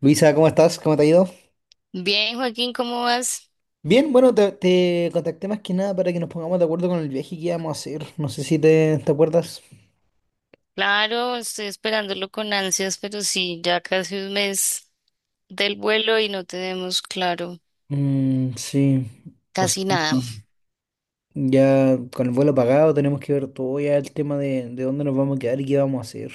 Luisa, ¿cómo estás? ¿Cómo te ha ido? Bien, Joaquín, ¿cómo vas? Bien, bueno, te contacté más que nada para que nos pongamos de acuerdo con el viaje que íbamos a hacer. No sé si te acuerdas. Claro, estoy esperándolo con ansias, pero sí, ya casi un mes del vuelo y no tenemos claro Mm, sí, o sea, casi nada. ya con el vuelo pagado tenemos que ver todo ya el tema de, dónde nos vamos a quedar y qué vamos a hacer.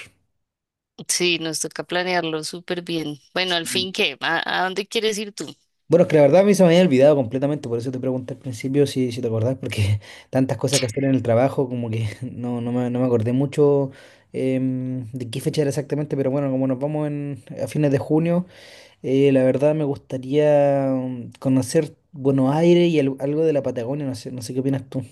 Sí, nos toca planearlo súper bien. Bueno, al fin, Sí. ¿qué? ¿A dónde quieres ir tú? Bueno, es que la verdad a mí se me había olvidado completamente, por eso te pregunté al principio si, si te acordás, porque tantas cosas que hacer en el trabajo, como que no, no me acordé mucho de qué fecha era exactamente, pero bueno, como nos vamos en, a fines de junio. La verdad me gustaría conocer Buenos Aires y algo de la Patagonia, no sé, no sé qué opinas tú.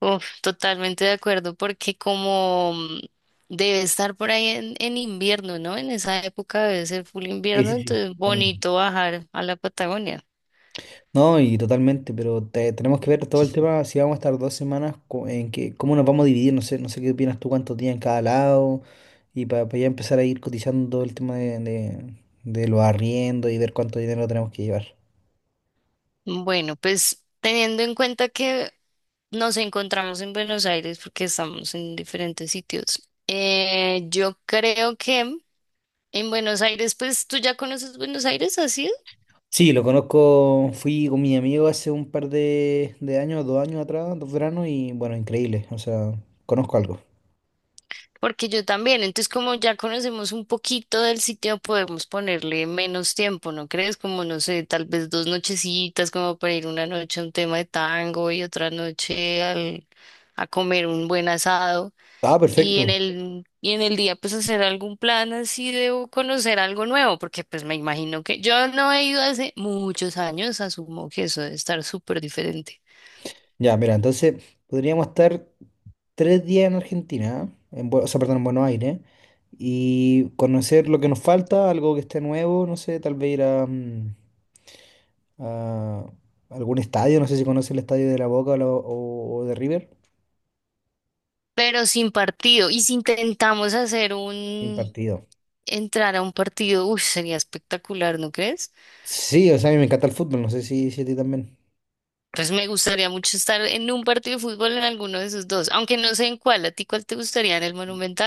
Uf, totalmente de acuerdo, porque como debe estar por ahí en invierno, ¿no? En esa época debe ser full Sí, invierno, sí, sí. entonces Totalmente. bonito bajar a la Patagonia. No, y totalmente, pero tenemos que ver todo el tema, si vamos a estar 2 semanas, en que, cómo nos vamos a dividir, no sé, no sé qué opinas tú, cuántos días en cada lado, y para ya empezar a ir cotizando todo el tema de los arriendos y ver cuánto dinero tenemos que llevar. Bueno, pues teniendo en cuenta que nos encontramos en Buenos Aires porque estamos en diferentes sitios. Yo creo que en Buenos Aires, pues tú ya conoces Buenos Aires, ¿así? Sí, lo conozco, fui con mi amigo hace un par de años, 2 años atrás, dos veranos, y bueno, increíble, o sea, conozco algo. Porque yo también. Entonces, como ya conocemos un poquito del sitio, podemos ponerle menos tiempo, ¿no crees? Como, no sé, tal vez 2 nochecitas, como para ir una noche a un tema de tango y otra noche a comer un buen asado. Ah, Y en perfecto. el, en el día pues hacer algún plan así de o conocer algo nuevo, porque pues me imagino que yo no he ido hace muchos años, asumo que eso debe estar súper diferente, Ya, mira, entonces podríamos estar 3 días en Argentina, en, o sea, perdón, en Buenos Aires, y conocer lo que nos falta, algo que esté nuevo, no sé, tal vez ir a, a algún estadio, no sé si conoces el estadio de La Boca o, o de River. pero sin partido. Y si intentamos Un partido. entrar a un partido, uy, sería espectacular, ¿no crees? Sí, o sea, a mí me encanta el fútbol, no sé si, si a ti también. Pues me gustaría mucho estar en un partido de fútbol en alguno de esos dos, aunque no sé en cuál, ¿a ti cuál te gustaría, en el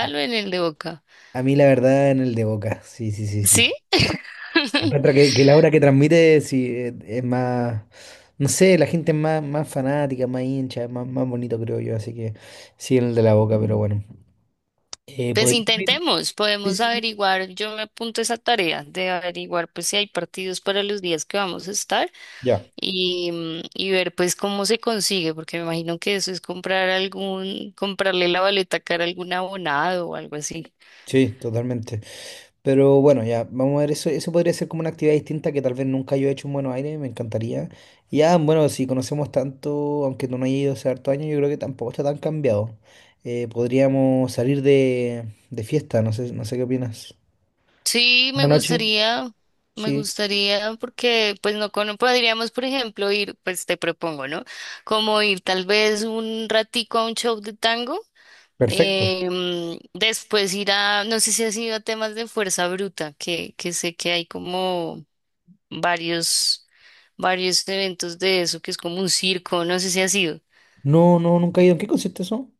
A, o en el de Boca? a mí la verdad en el de Boca, sí, sí, sí, ¿Sí? sí. Encuentro que la obra que transmite sí, es más, no sé, la gente es más, más fanática, más hincha, es más, más bonito creo yo, así que sí, en el de la boca, pero bueno. Eh, Pues podríamos ir- intentemos, Sí, podemos sí, sí. averiguar, yo me apunto a esa tarea de averiguar pues si hay partidos para los días que vamos a estar Ya, y ver pues cómo se consigue, porque me imagino que eso es comprar algún, comprarle la boleta cara a algún abonado o algo así. sí, totalmente. Pero bueno, ya, vamos a ver, eso podría ser como una actividad distinta que tal vez nunca yo he hecho en Buenos Aires, me encantaría. Y ya, bueno, si conocemos tanto, aunque tú no hayas ido hace harto años, yo creo que tampoco está tan cambiado. Podríamos salir de fiesta, no sé, no sé qué opinas. Sí, me Buenas noches, gustaría, sí. Porque pues no cono- podríamos, por ejemplo, ir, pues te propongo, ¿no? Como ir tal vez un ratico a un show de tango. Perfecto. Después ir a, no sé si has ido a temas de fuerza bruta, que sé que hay como varios, varios eventos de eso, que es como un circo, no sé si has ido. No, no, nunca he ido. ¿En qué consiste eso?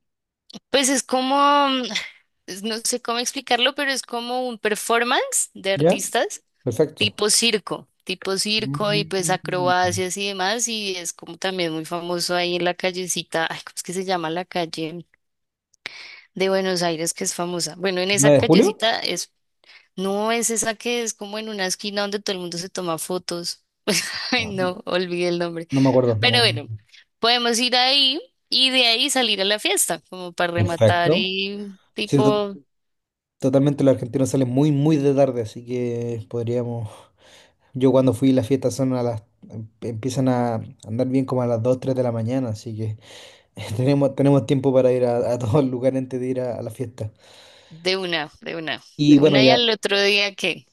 Pues es como, no sé cómo explicarlo, pero es como un performance de ¿Ya? artistas Perfecto. Tipo circo y pues Mm. acrobacias y demás, y es como también muy famoso ahí en la callecita, ay, ¿cómo es que se llama la calle de Buenos Aires, que es famosa? Bueno, en esa ¿9 de julio? callecita es. No, es esa que es como en una esquina donde todo el mundo se toma fotos. Ay, Ah, no, olvidé el nombre. no me acuerdo, no me Pero acuerdo. bueno, podemos ir ahí y de ahí salir a la fiesta, como para rematar Perfecto. y Sí, to- tipo Totalmente los argentinos salen muy, muy de tarde, así que podríamos. Yo cuando fui las fiestas son a las. Empiezan a andar bien como a las 2, 3 de la mañana, así que tenemos, tenemos tiempo para ir a todos los lugares antes de ir a la fiesta. de una, de una, Y de bueno, una y ya. al otro día que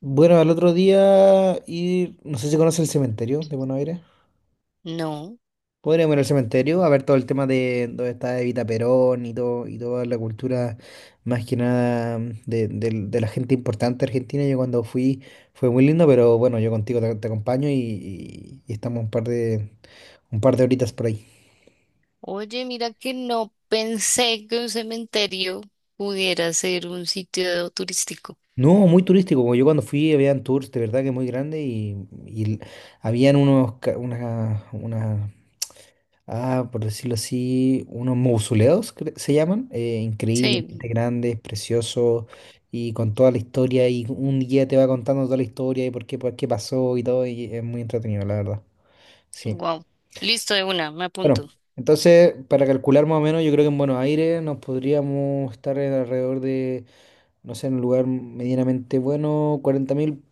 Bueno, al otro día ir. No sé si conoce el cementerio de Buenos Aires. no. Podríamos ir al cementerio a ver todo el tema de dónde está Evita Perón y todo, y toda la cultura más que nada de, de la gente importante argentina. Yo cuando fui fue muy lindo, pero bueno, yo contigo te acompaño y estamos un par de horitas por ahí. Oye, mira que no pensé que un cementerio pudiera ser un sitio turístico. No, muy turístico, como yo cuando fui habían tours de verdad que muy grandes y habían unas por decirlo así, unos mausoleos se llaman, Sí, increíblemente grandes, preciosos y con toda la historia y un guía te va contando toda la historia y por qué pasó y todo y es muy entretenido, la verdad. Sí. wow. Listo, de una, me Bueno, apunto. entonces para calcular más o menos, yo creo que en Buenos Aires nos podríamos estar en alrededor de, no sé, en un lugar medianamente bueno,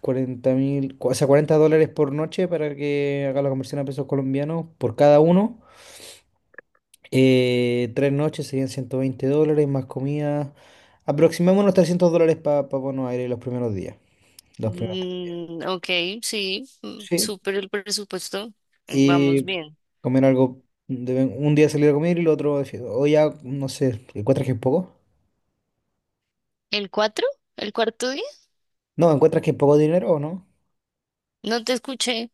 40.000, o sea, 40 dólares por noche para que haga la conversión a pesos colombianos por cada uno. Tres noches serían 120 dólares más comida. Aproximémonos 300 dólares para Buenos Aires los primeros días. Los primeros 3 días. Mm, ok, sí, Sí. súper el presupuesto. Vamos Y bien. comer algo. Un día salir a comer y el otro de fiesta. O ya, no sé, ¿encuentras que es poco? ¿El cuatro? ¿El cuarto día? No, ¿encuentras que es poco dinero o no? No te escuché.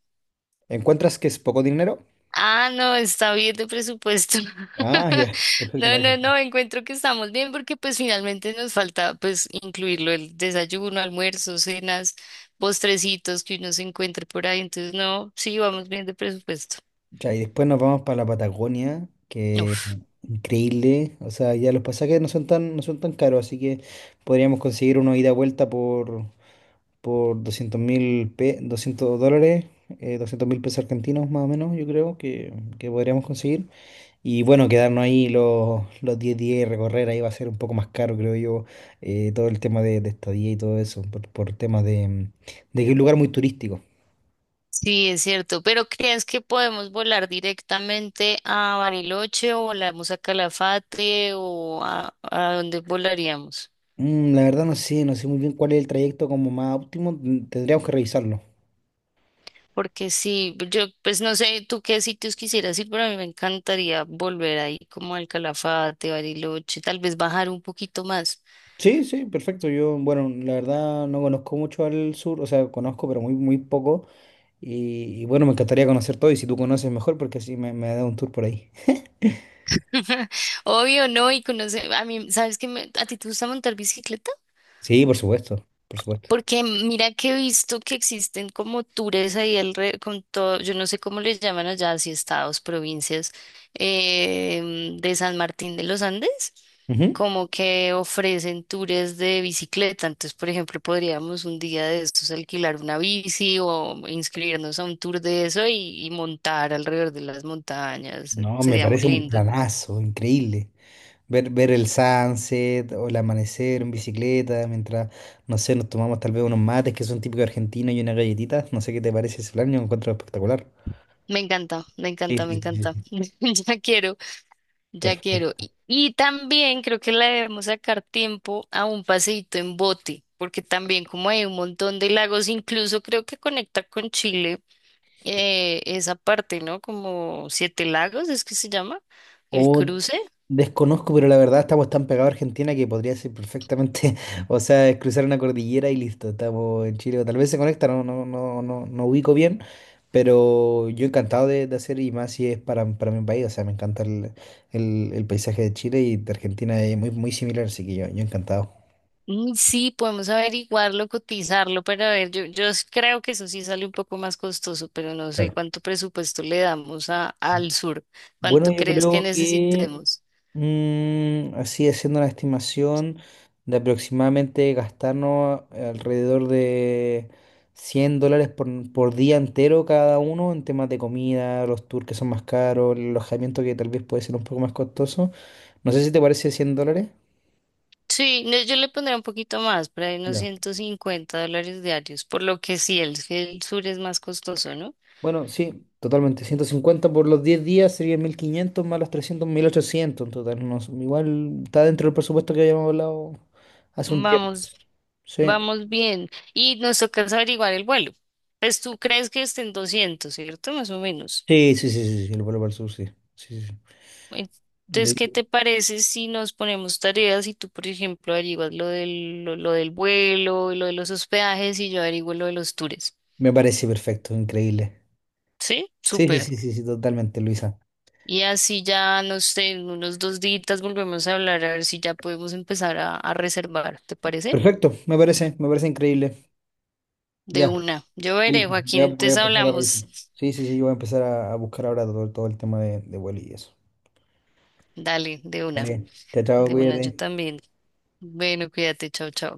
¿Encuentras que es poco dinero? Ah, no, está bien de presupuesto. Ah, ya. Perfecto, No, no, Marisa. no, encuentro que estamos bien porque pues finalmente nos falta pues incluirlo el desayuno, almuerzo, cenas, postrecitos que uno se encuentre por ahí. Entonces, no, sí, vamos bien de presupuesto. Ya, y después nos vamos para la Patagonia, que Uf. increíble. O sea, ya los pasajes no son tan caros, así que podríamos conseguir una ida y vuelta por 200.000 200 dólares, 200 mil pesos argentinos más o menos, yo creo que podríamos conseguir. Y bueno, quedarnos ahí los 10 días y recorrer ahí va a ser un poco más caro, creo yo, todo el tema de estadía y todo eso, por temas de, de que es un lugar muy turístico. Sí, es cierto, pero ¿crees que podemos volar directamente a Bariloche o volamos a Calafate o a dónde volaríamos? Mm, la verdad no sé, no sé muy bien cuál es el trayecto como más óptimo, mm, tendríamos que revisarlo. Porque sí, yo pues no sé tú qué sitios quisieras ir, pero a mí me encantaría volver ahí como al Calafate, Bariloche, tal vez bajar un poquito más. Sí, sí, perfecto. Yo, bueno, la verdad no conozco mucho al sur, o sea, conozco, pero muy, muy poco. Y bueno, me encantaría conocer todo y si tú conoces mejor, porque así me da un tour por ahí. Obvio, ¿no? Y conocer, a mí, ¿sabes qué? ¿A ti te gusta montar bicicleta? Sí, por supuesto, por supuesto. Porque mira que he visto que existen como tours ahí con todo, yo no sé cómo les llaman allá, si estados, provincias, de San Martín de los Andes, Ujú. como que ofrecen tours de bicicleta. Entonces, por ejemplo, podríamos un día de estos alquilar una bici o inscribirnos a un tour de eso y montar alrededor de las montañas. No, me Sería muy parece un lindo. planazo, increíble. Ver el sunset o el amanecer en bicicleta, mientras, no sé, nos tomamos tal vez unos mates que son típicos argentinos y unas galletitas. No sé qué te parece ese plan, yo lo encuentro espectacular. Me encanta, me Sí, encanta, me sí, sí, encanta. sí. Ya quiero. Ya quiero. Perfecto. Y también creo que le debemos sacar tiempo a un paseíto en bote, porque también como hay un montón de lagos, incluso creo que conecta con Chile esa parte, ¿no? Como Siete Lagos, es que se llama el O cruce. desconozco, pero la verdad estamos tan pegados a Argentina que podría ser perfectamente, o sea, es cruzar una cordillera y listo, estamos en Chile, o tal vez se conecta, no, no, no, no, no ubico bien, pero yo encantado de hacer y más si es para mi país, o sea, me encanta el, el paisaje de Chile y de Argentina es muy, muy similar, así que yo encantado. Mm, sí, podemos averiguarlo, cotizarlo, pero a ver, yo creo que eso sí sale un poco más costoso, pero no sé Claro. cuánto presupuesto le damos al sur, Bueno, cuánto yo crees que creo que necesitemos. mm, así haciendo una estimación de aproximadamente gastarnos alrededor de 100 dólares por día entero cada uno en temas de comida, los tours que son más caros, el alojamiento que tal vez puede ser un poco más costoso. No sé si te parece 100 dólares. Sí, no, yo le pondría un poquito más, por ahí unos Ya. $150 diarios, por lo que sí, el sur es más costoso, ¿no? Bueno, sí, totalmente. 150 por los 10 días serían 1.500 más los 300, 1.800 en total. No, igual está dentro del presupuesto que habíamos hablado hace un tiempo. Vamos, Sí. vamos bien. Y nos toca es averiguar el vuelo. Pues tú crees que estén 200, ¿cierto? Más o menos. Sí, sí, sí, sí, sí, el vuelo para el sur, sí. Sí, sí, Entonces, ¿qué De- te parece si nos ponemos tareas y tú, por ejemplo, averiguas lo del vuelo, lo de los hospedajes y yo averiguo lo de los tours? Me parece perfecto, increíble. ¿Sí? Sí, sí, Súper. sí, sí, sí, totalmente, Luisa. Y así ya, no sé, en unos 2 días volvemos a hablar a ver si ya podemos empezar a reservar, ¿te parece? Perfecto, me parece increíble. De Ya, una. Yo veré, Elisa, Joaquín, voy a entonces empezar a revisar. hablamos. Sí, sí, sí, yo voy a empezar a buscar ahora todo, todo el tema de vuelo y eso. Dale, Vale, chao, chao, de una, yo cuídate. también. Bueno, cuídate, chao, chao.